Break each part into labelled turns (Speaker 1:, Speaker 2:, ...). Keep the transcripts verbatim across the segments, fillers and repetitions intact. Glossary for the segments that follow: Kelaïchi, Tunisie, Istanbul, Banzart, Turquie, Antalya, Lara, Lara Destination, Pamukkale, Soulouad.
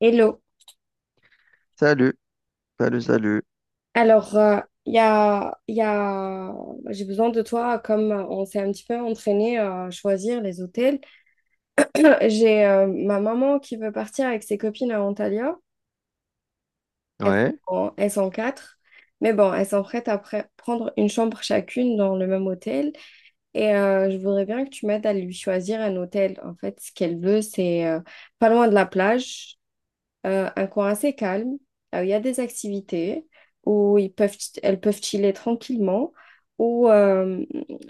Speaker 1: Hello.
Speaker 2: Salut, salut, salut.
Speaker 1: Alors, euh, il y a, il y a... j'ai besoin de toi, comme euh, on s'est un petit peu entraîné à choisir les hôtels. J'ai euh, ma maman qui veut partir avec ses copines à Antalya. Elles
Speaker 2: Ouais.
Speaker 1: sont, elles sont quatre. Mais bon, elles sont prêtes à pre- prendre une chambre chacune dans le même hôtel. Et euh, je voudrais bien que tu m'aides à lui choisir un hôtel. En fait, ce qu'elle veut, c'est euh, pas loin de la plage. Euh, un coin assez calme, là où il y a des activités, où ils peuvent, elles peuvent chiller tranquillement, où euh,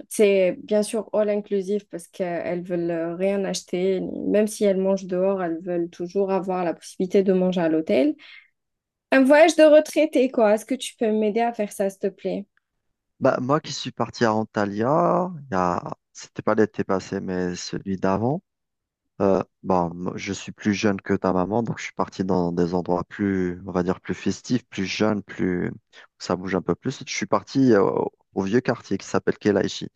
Speaker 1: c'est bien sûr all inclusive parce qu'elles veulent euh, rien acheter, même si elles mangent dehors, elles veulent toujours avoir la possibilité de manger à l'hôtel. Un voyage de retraité, quoi. Est-ce que tu peux m'aider à faire ça, s'il te plaît?
Speaker 2: Bah, moi qui suis parti à Antalya, il y a... c'était pas l'été passé, mais celui d'avant. Euh, bon, moi, je suis plus jeune que ta maman, donc je suis parti dans des endroits plus, on va dire, plus festifs, plus jeunes, plus... où ça bouge un peu plus. Je suis parti euh, au, vieux quartier qui s'appelle Kelaïchi.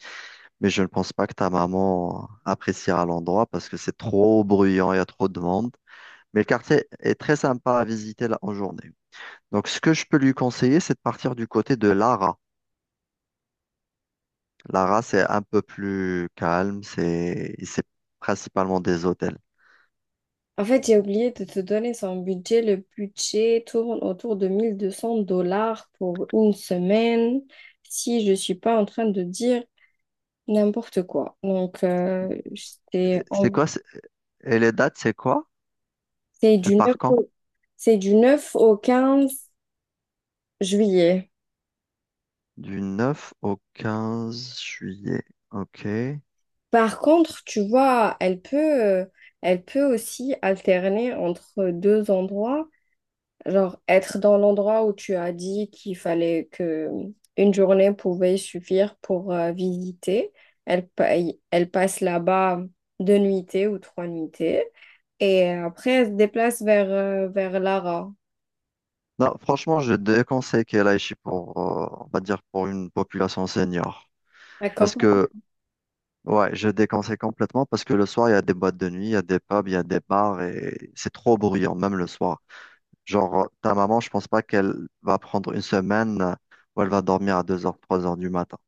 Speaker 2: Mais je ne pense pas que ta maman appréciera l'endroit parce que c'est trop bruyant, il y a trop de monde. Mais le quartier est très sympa à visiter là en journée. Donc, ce que je peux lui conseiller, c'est de partir du côté de Lara. Lara, c'est un peu plus calme, c'est c'est principalement des hôtels.
Speaker 1: En fait, j'ai oublié de te donner son budget. Le budget tourne autour de mille deux cents dollars pour une semaine. Si je ne suis pas en train de dire n'importe quoi. Donc, euh, c'est
Speaker 2: C'est
Speaker 1: en-
Speaker 2: quoi, c'est- et les dates, c'est quoi?
Speaker 1: c'est
Speaker 2: Elle
Speaker 1: du neuf
Speaker 2: part quand?
Speaker 1: au, c'est du neuf au quinze juillet.
Speaker 2: Du neuf au quinze juillet. Ok.
Speaker 1: Par contre, tu vois, elle peut, euh, elle peut aussi alterner entre deux endroits. Genre, être dans l'endroit où tu as dit qu'il fallait que une journée pouvait suffire pour euh, visiter. Elle, pa- elle passe là-bas deux nuitées ou trois nuitées. Et après, elle se déplace vers, euh, vers Lara.
Speaker 2: Non, franchement, je déconseille qu'elle aille chez- pour, euh, on va dire, pour une population senior.
Speaker 1: Elle
Speaker 2: Parce que, ouais, je déconseille complètement parce que le soir, il y a des boîtes de nuit, il y a des pubs, il y a des bars et c'est trop bruyant, même le soir. Genre, ta maman, je pense pas qu'elle va prendre une semaine où elle va dormir à deux heures trois heures du matin.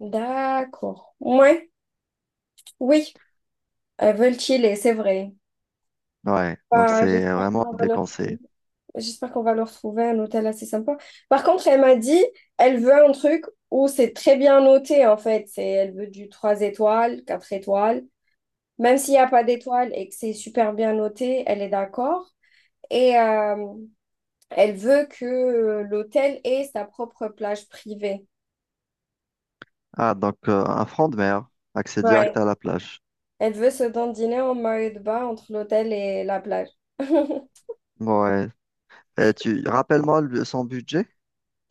Speaker 1: D'accord. Ouais, oui, elles veulent chiller, c'est vrai.
Speaker 2: Ouais, donc
Speaker 1: Bah,
Speaker 2: c'est
Speaker 1: j'espère
Speaker 2: vraiment
Speaker 1: qu'on va leur trouver,
Speaker 2: déconseillé.
Speaker 1: j'espère qu'on va leur trouver un hôtel assez sympa. Par contre, elle m'a dit, elle veut un truc où c'est très bien noté, en fait. C'est, elle veut du trois étoiles, quatre étoiles. Même s'il n'y a pas d'étoiles et que c'est super bien noté, elle est d'accord. Et euh, elle veut que euh, l'hôtel ait sa propre plage privée.
Speaker 2: Ah, donc euh, un front de mer, accès direct
Speaker 1: Ouais.
Speaker 2: à la plage.
Speaker 1: Elle veut se dandiner en maillot de bain entre l'hôtel et la plage.
Speaker 2: Ouais. Et tu rappelles-moi le- son budget?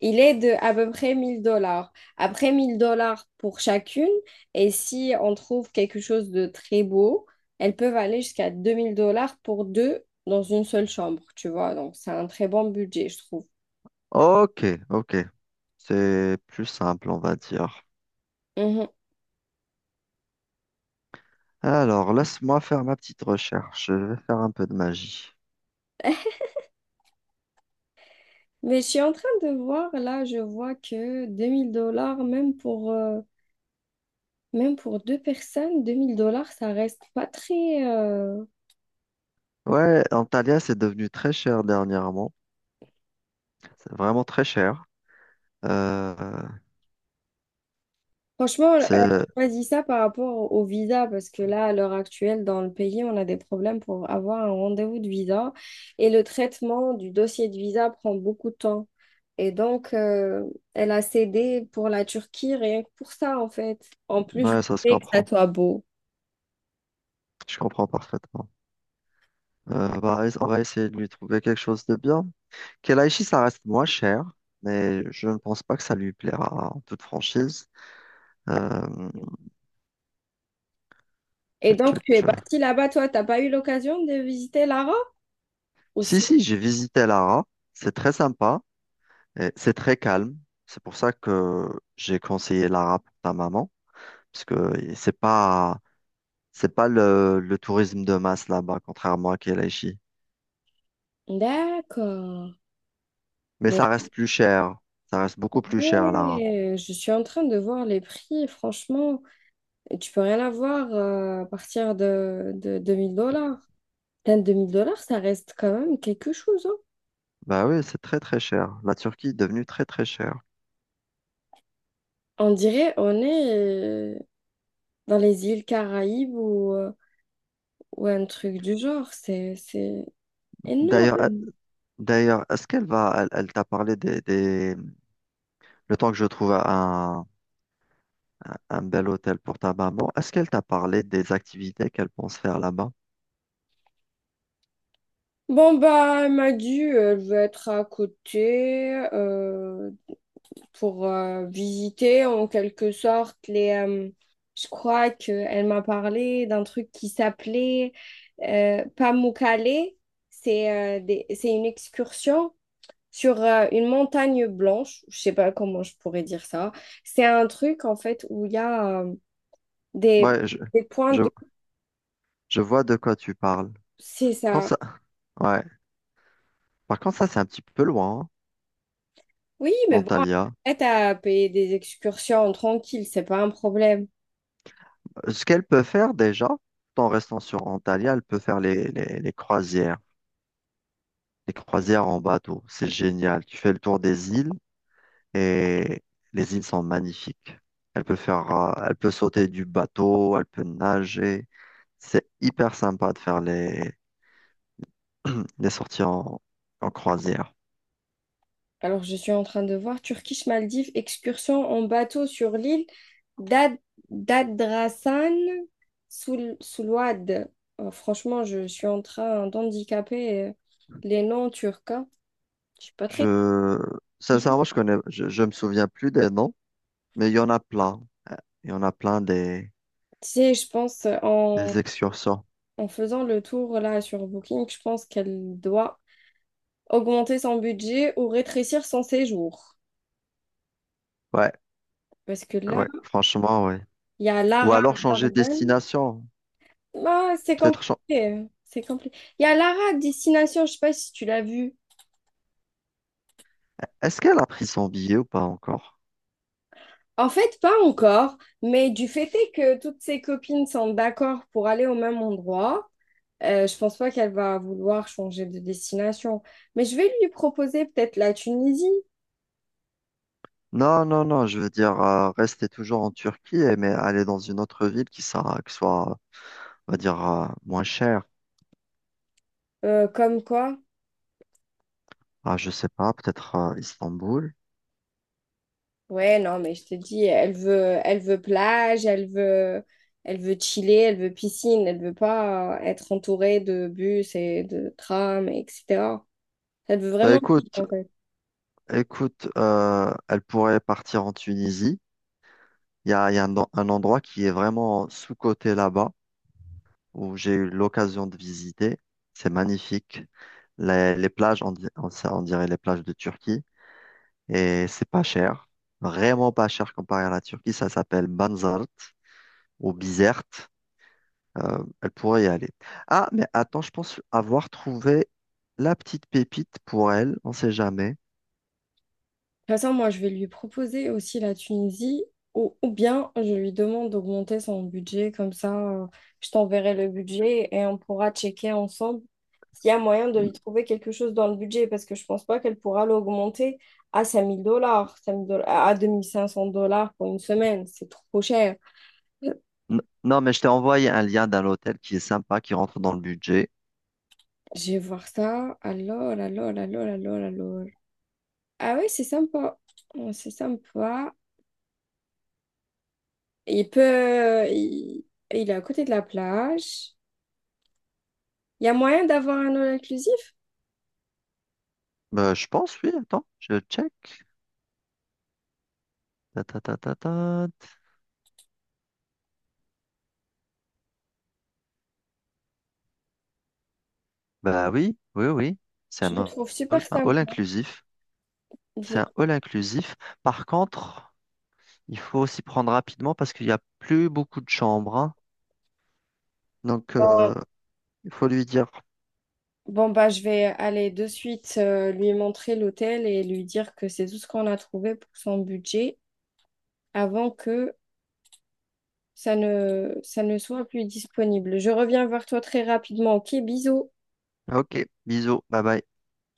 Speaker 1: Il est de à peu près mille dollars. Après mille dollars pour chacune, et si on trouve quelque chose de très beau, elles peuvent aller jusqu'à deux mille dollars pour deux dans une seule chambre, tu vois. Donc, c'est un très bon budget, je trouve.
Speaker 2: Ok, ok. C'est plus simple, on va dire.
Speaker 1: Mhm.
Speaker 2: Alors, laisse-moi faire ma petite recherche. Je vais faire un peu de magie.
Speaker 1: Mais je suis en train de voir, là, je vois que deux mille dollars, même pour, euh, même pour deux personnes, deux mille dollars, ça reste pas très, euh,
Speaker 2: Ouais, Antalya, c'est devenu très cher dernièrement. C'est vraiment très cher. Euh,
Speaker 1: Franchement, euh,
Speaker 2: c'est...
Speaker 1: je choisis ça par rapport au visa parce que là, à l'heure actuelle, dans le pays, on a des problèmes pour avoir un rendez-vous de visa et le traitement du dossier de visa prend beaucoup de temps. Et donc, euh, elle a cédé pour la Turquie rien que pour ça, en fait. En plus, je
Speaker 2: Ouais, ça se
Speaker 1: sais que ça
Speaker 2: comprend.
Speaker 1: soit beau.
Speaker 2: Je comprends parfaitement. Euh, bah, on va essayer de lui trouver quelque chose de bien. Kelaïchi, ça reste moins cher, mais je ne pense pas que ça lui plaira en toute franchise. Euh,
Speaker 1: Et
Speaker 2: tu-
Speaker 1: donc,
Speaker 2: tu-
Speaker 1: tu es
Speaker 2: tu-
Speaker 1: partie là-bas, toi, t'as pas eu l'occasion de visiter l'Ara?
Speaker 2: Si,
Speaker 1: Aussi.
Speaker 2: si, j'ai visité Lara. C'est très sympa et c'est très calme. C'est pour ça que j'ai conseillé Lara pour ta maman, parce que c'est pas, c'est pas le, le tourisme de masse là-bas, contrairement à Kelaïchi.
Speaker 1: D'accord.
Speaker 2: Mais
Speaker 1: Mais
Speaker 2: ça reste plus cher. Ça reste beaucoup plus cher, Lara.
Speaker 1: ouais, je suis en train de voir les prix, franchement, et tu peux rien avoir euh, à partir de, de deux mille dollars. Enfin, deux mille dollars, ça reste quand même quelque chose, hein.
Speaker 2: Bah oui, c'est très très cher. La Turquie est devenue très très chère.
Speaker 1: On dirait on est euh, dans les îles Caraïbes ou, euh, ou un truc du genre. C'est, c'est...
Speaker 2: D'ailleurs,
Speaker 1: Énorme.
Speaker 2: d'ailleurs, est-ce qu'elle va, elle, elle t'a parlé des, le temps que je trouve un, un bel hôtel pour ta maman, est-ce qu'elle t'a parlé des activités qu'elle pense faire là-bas?
Speaker 1: Bon, bah, elle m'a dit, euh, elle veut être à côté euh, pour euh, visiter en quelque sorte. Les. Euh, je crois qu'elle m'a parlé d'un truc qui s'appelait euh, Pamukkale. C'est euh, des- c'est une excursion sur euh, une montagne blanche. Je sais pas comment je pourrais dire ça. C'est un truc en fait où il y a euh, des,
Speaker 2: Ouais, je,
Speaker 1: des points
Speaker 2: je,
Speaker 1: de.
Speaker 2: je vois de quoi tu parles.
Speaker 1: C'est
Speaker 2: Par contre,
Speaker 1: ça.
Speaker 2: ça, ouais. Par contre, ça, c'est un petit peu loin, hein,
Speaker 1: Oui, mais bon,
Speaker 2: d'Antalya.
Speaker 1: prête à payer des excursions tranquilles, c'est pas un problème.
Speaker 2: Ce qu'elle peut faire déjà, tout en restant sur Antalya, elle peut faire les, les, les croisières. Les croisières en bateau, c'est génial. Tu fais le tour des îles et les îles sont magnifiques. Elle peut faire, euh, elle peut sauter du bateau, elle peut nager. C'est hyper sympa de faire les Il est en, en croisière.
Speaker 1: Alors, je suis en train de voir Turkish-Maldives, excursion en bateau sur l'île d'Ad- d'Adrasan Soul- Soulouad. Euh, franchement, je suis en train d'handicaper euh, les noms turcs, hein. Je suis pas très.
Speaker 2: Je, sincèrement, je connais, je, je me souviens plus des noms, mais il y en a plein. Euh, Il y en a plein des,
Speaker 1: Tu sais, je pense euh, en,
Speaker 2: des excursions.
Speaker 1: en faisant le tour là sur Booking, je pense qu'elle doit augmenter son budget ou rétrécir son séjour.
Speaker 2: Ouais,
Speaker 1: Parce que là,
Speaker 2: ouais, franchement, ouais.
Speaker 1: il y a
Speaker 2: Ou
Speaker 1: Lara
Speaker 2: alors changer de
Speaker 1: Garden.
Speaker 2: destination.
Speaker 1: Ah, c'est
Speaker 2: Peut-être. Chan-
Speaker 1: compliqué. C'est compliqué. Il y a Lara Destination, je sais pas si tu l'as vue.
Speaker 2: Est-ce qu'elle a pris son billet ou pas encore?
Speaker 1: En fait, pas encore, mais du fait est que toutes ses copines sont d'accord pour aller au même endroit, euh, je pense pas qu'elle va vouloir changer de destination. Mais je vais lui proposer peut-être la Tunisie,
Speaker 2: Non, non, non, je veux dire, euh, rester toujours en Turquie, eh, mais aller dans une autre ville qui sera, qui soit, on va dire, euh, moins chère.
Speaker 1: euh, comme quoi.
Speaker 2: Ah, je sais pas, peut-être euh, Istanbul.
Speaker 1: Ouais, non, mais je te dis, elle veut, elle veut plage, elle veut, elle veut chiller, elle veut piscine, elle veut pas être entourée de bus et de trams, et cetera. Elle veut
Speaker 2: Bah
Speaker 1: vraiment chiller,
Speaker 2: écoute,
Speaker 1: en fait.
Speaker 2: écoute, euh, elle pourrait partir en Tunisie. Il y a, il y a un, un endroit qui est vraiment sous-coté là-bas, où j'ai eu l'occasion de visiter. C'est magnifique. Les, les plages, on, di- on- ça, on dirait les plages de Turquie. Et c'est pas cher. Vraiment pas cher comparé à la Turquie. Ça s'appelle Banzart ou Bizerte. Euh, elle pourrait y aller. Ah, mais attends, je pense avoir trouvé la petite pépite pour elle. On sait jamais.
Speaker 1: De toute façon, moi, je vais lui proposer aussi la Tunisie ou, ou bien je lui demande d'augmenter son budget. Comme ça, euh, je t'enverrai le budget et on pourra checker ensemble s'il y a moyen de lui trouver quelque chose dans le budget parce que je pense pas qu'elle pourra l'augmenter à cinq mille dollars, à deux mille cinq cents dollars pour une semaine. C'est trop cher.
Speaker 2: N- Non, mais je t'ai envoyé un lien d'un hôtel qui est sympa, qui rentre dans le budget.
Speaker 1: Je vais voir ça. Alors, alors, alors, alors, alors. Ah oui, c'est sympa. Oh, c'est sympa. Il peut... Il, il est à côté de la plage. Il y a moyen d'avoir un all inclusif?
Speaker 2: Bah, je pense, oui, attends, je check. Ta, ta, ta, ta, ta. Bah oui, oui, oui. C'est
Speaker 1: Je
Speaker 2: un
Speaker 1: le trouve super
Speaker 2: all, un
Speaker 1: sympa.
Speaker 2: all inclusif.
Speaker 1: Je
Speaker 2: C'est
Speaker 1: le
Speaker 2: un
Speaker 1: trouve-
Speaker 2: all inclusif. Par contre, il faut s'y prendre rapidement parce qu'il n'y a plus beaucoup de chambres, hein. Donc, euh,
Speaker 1: Bon,
Speaker 2: il faut lui dire,
Speaker 1: bon, bah, je vais aller de suite euh, lui montrer l'hôtel et lui dire que c'est tout ce qu'on a trouvé pour son budget avant que ça ne, ça ne soit plus disponible. Je reviens vers toi très rapidement. Ok, bisous.
Speaker 2: OK, bisous, bye bye.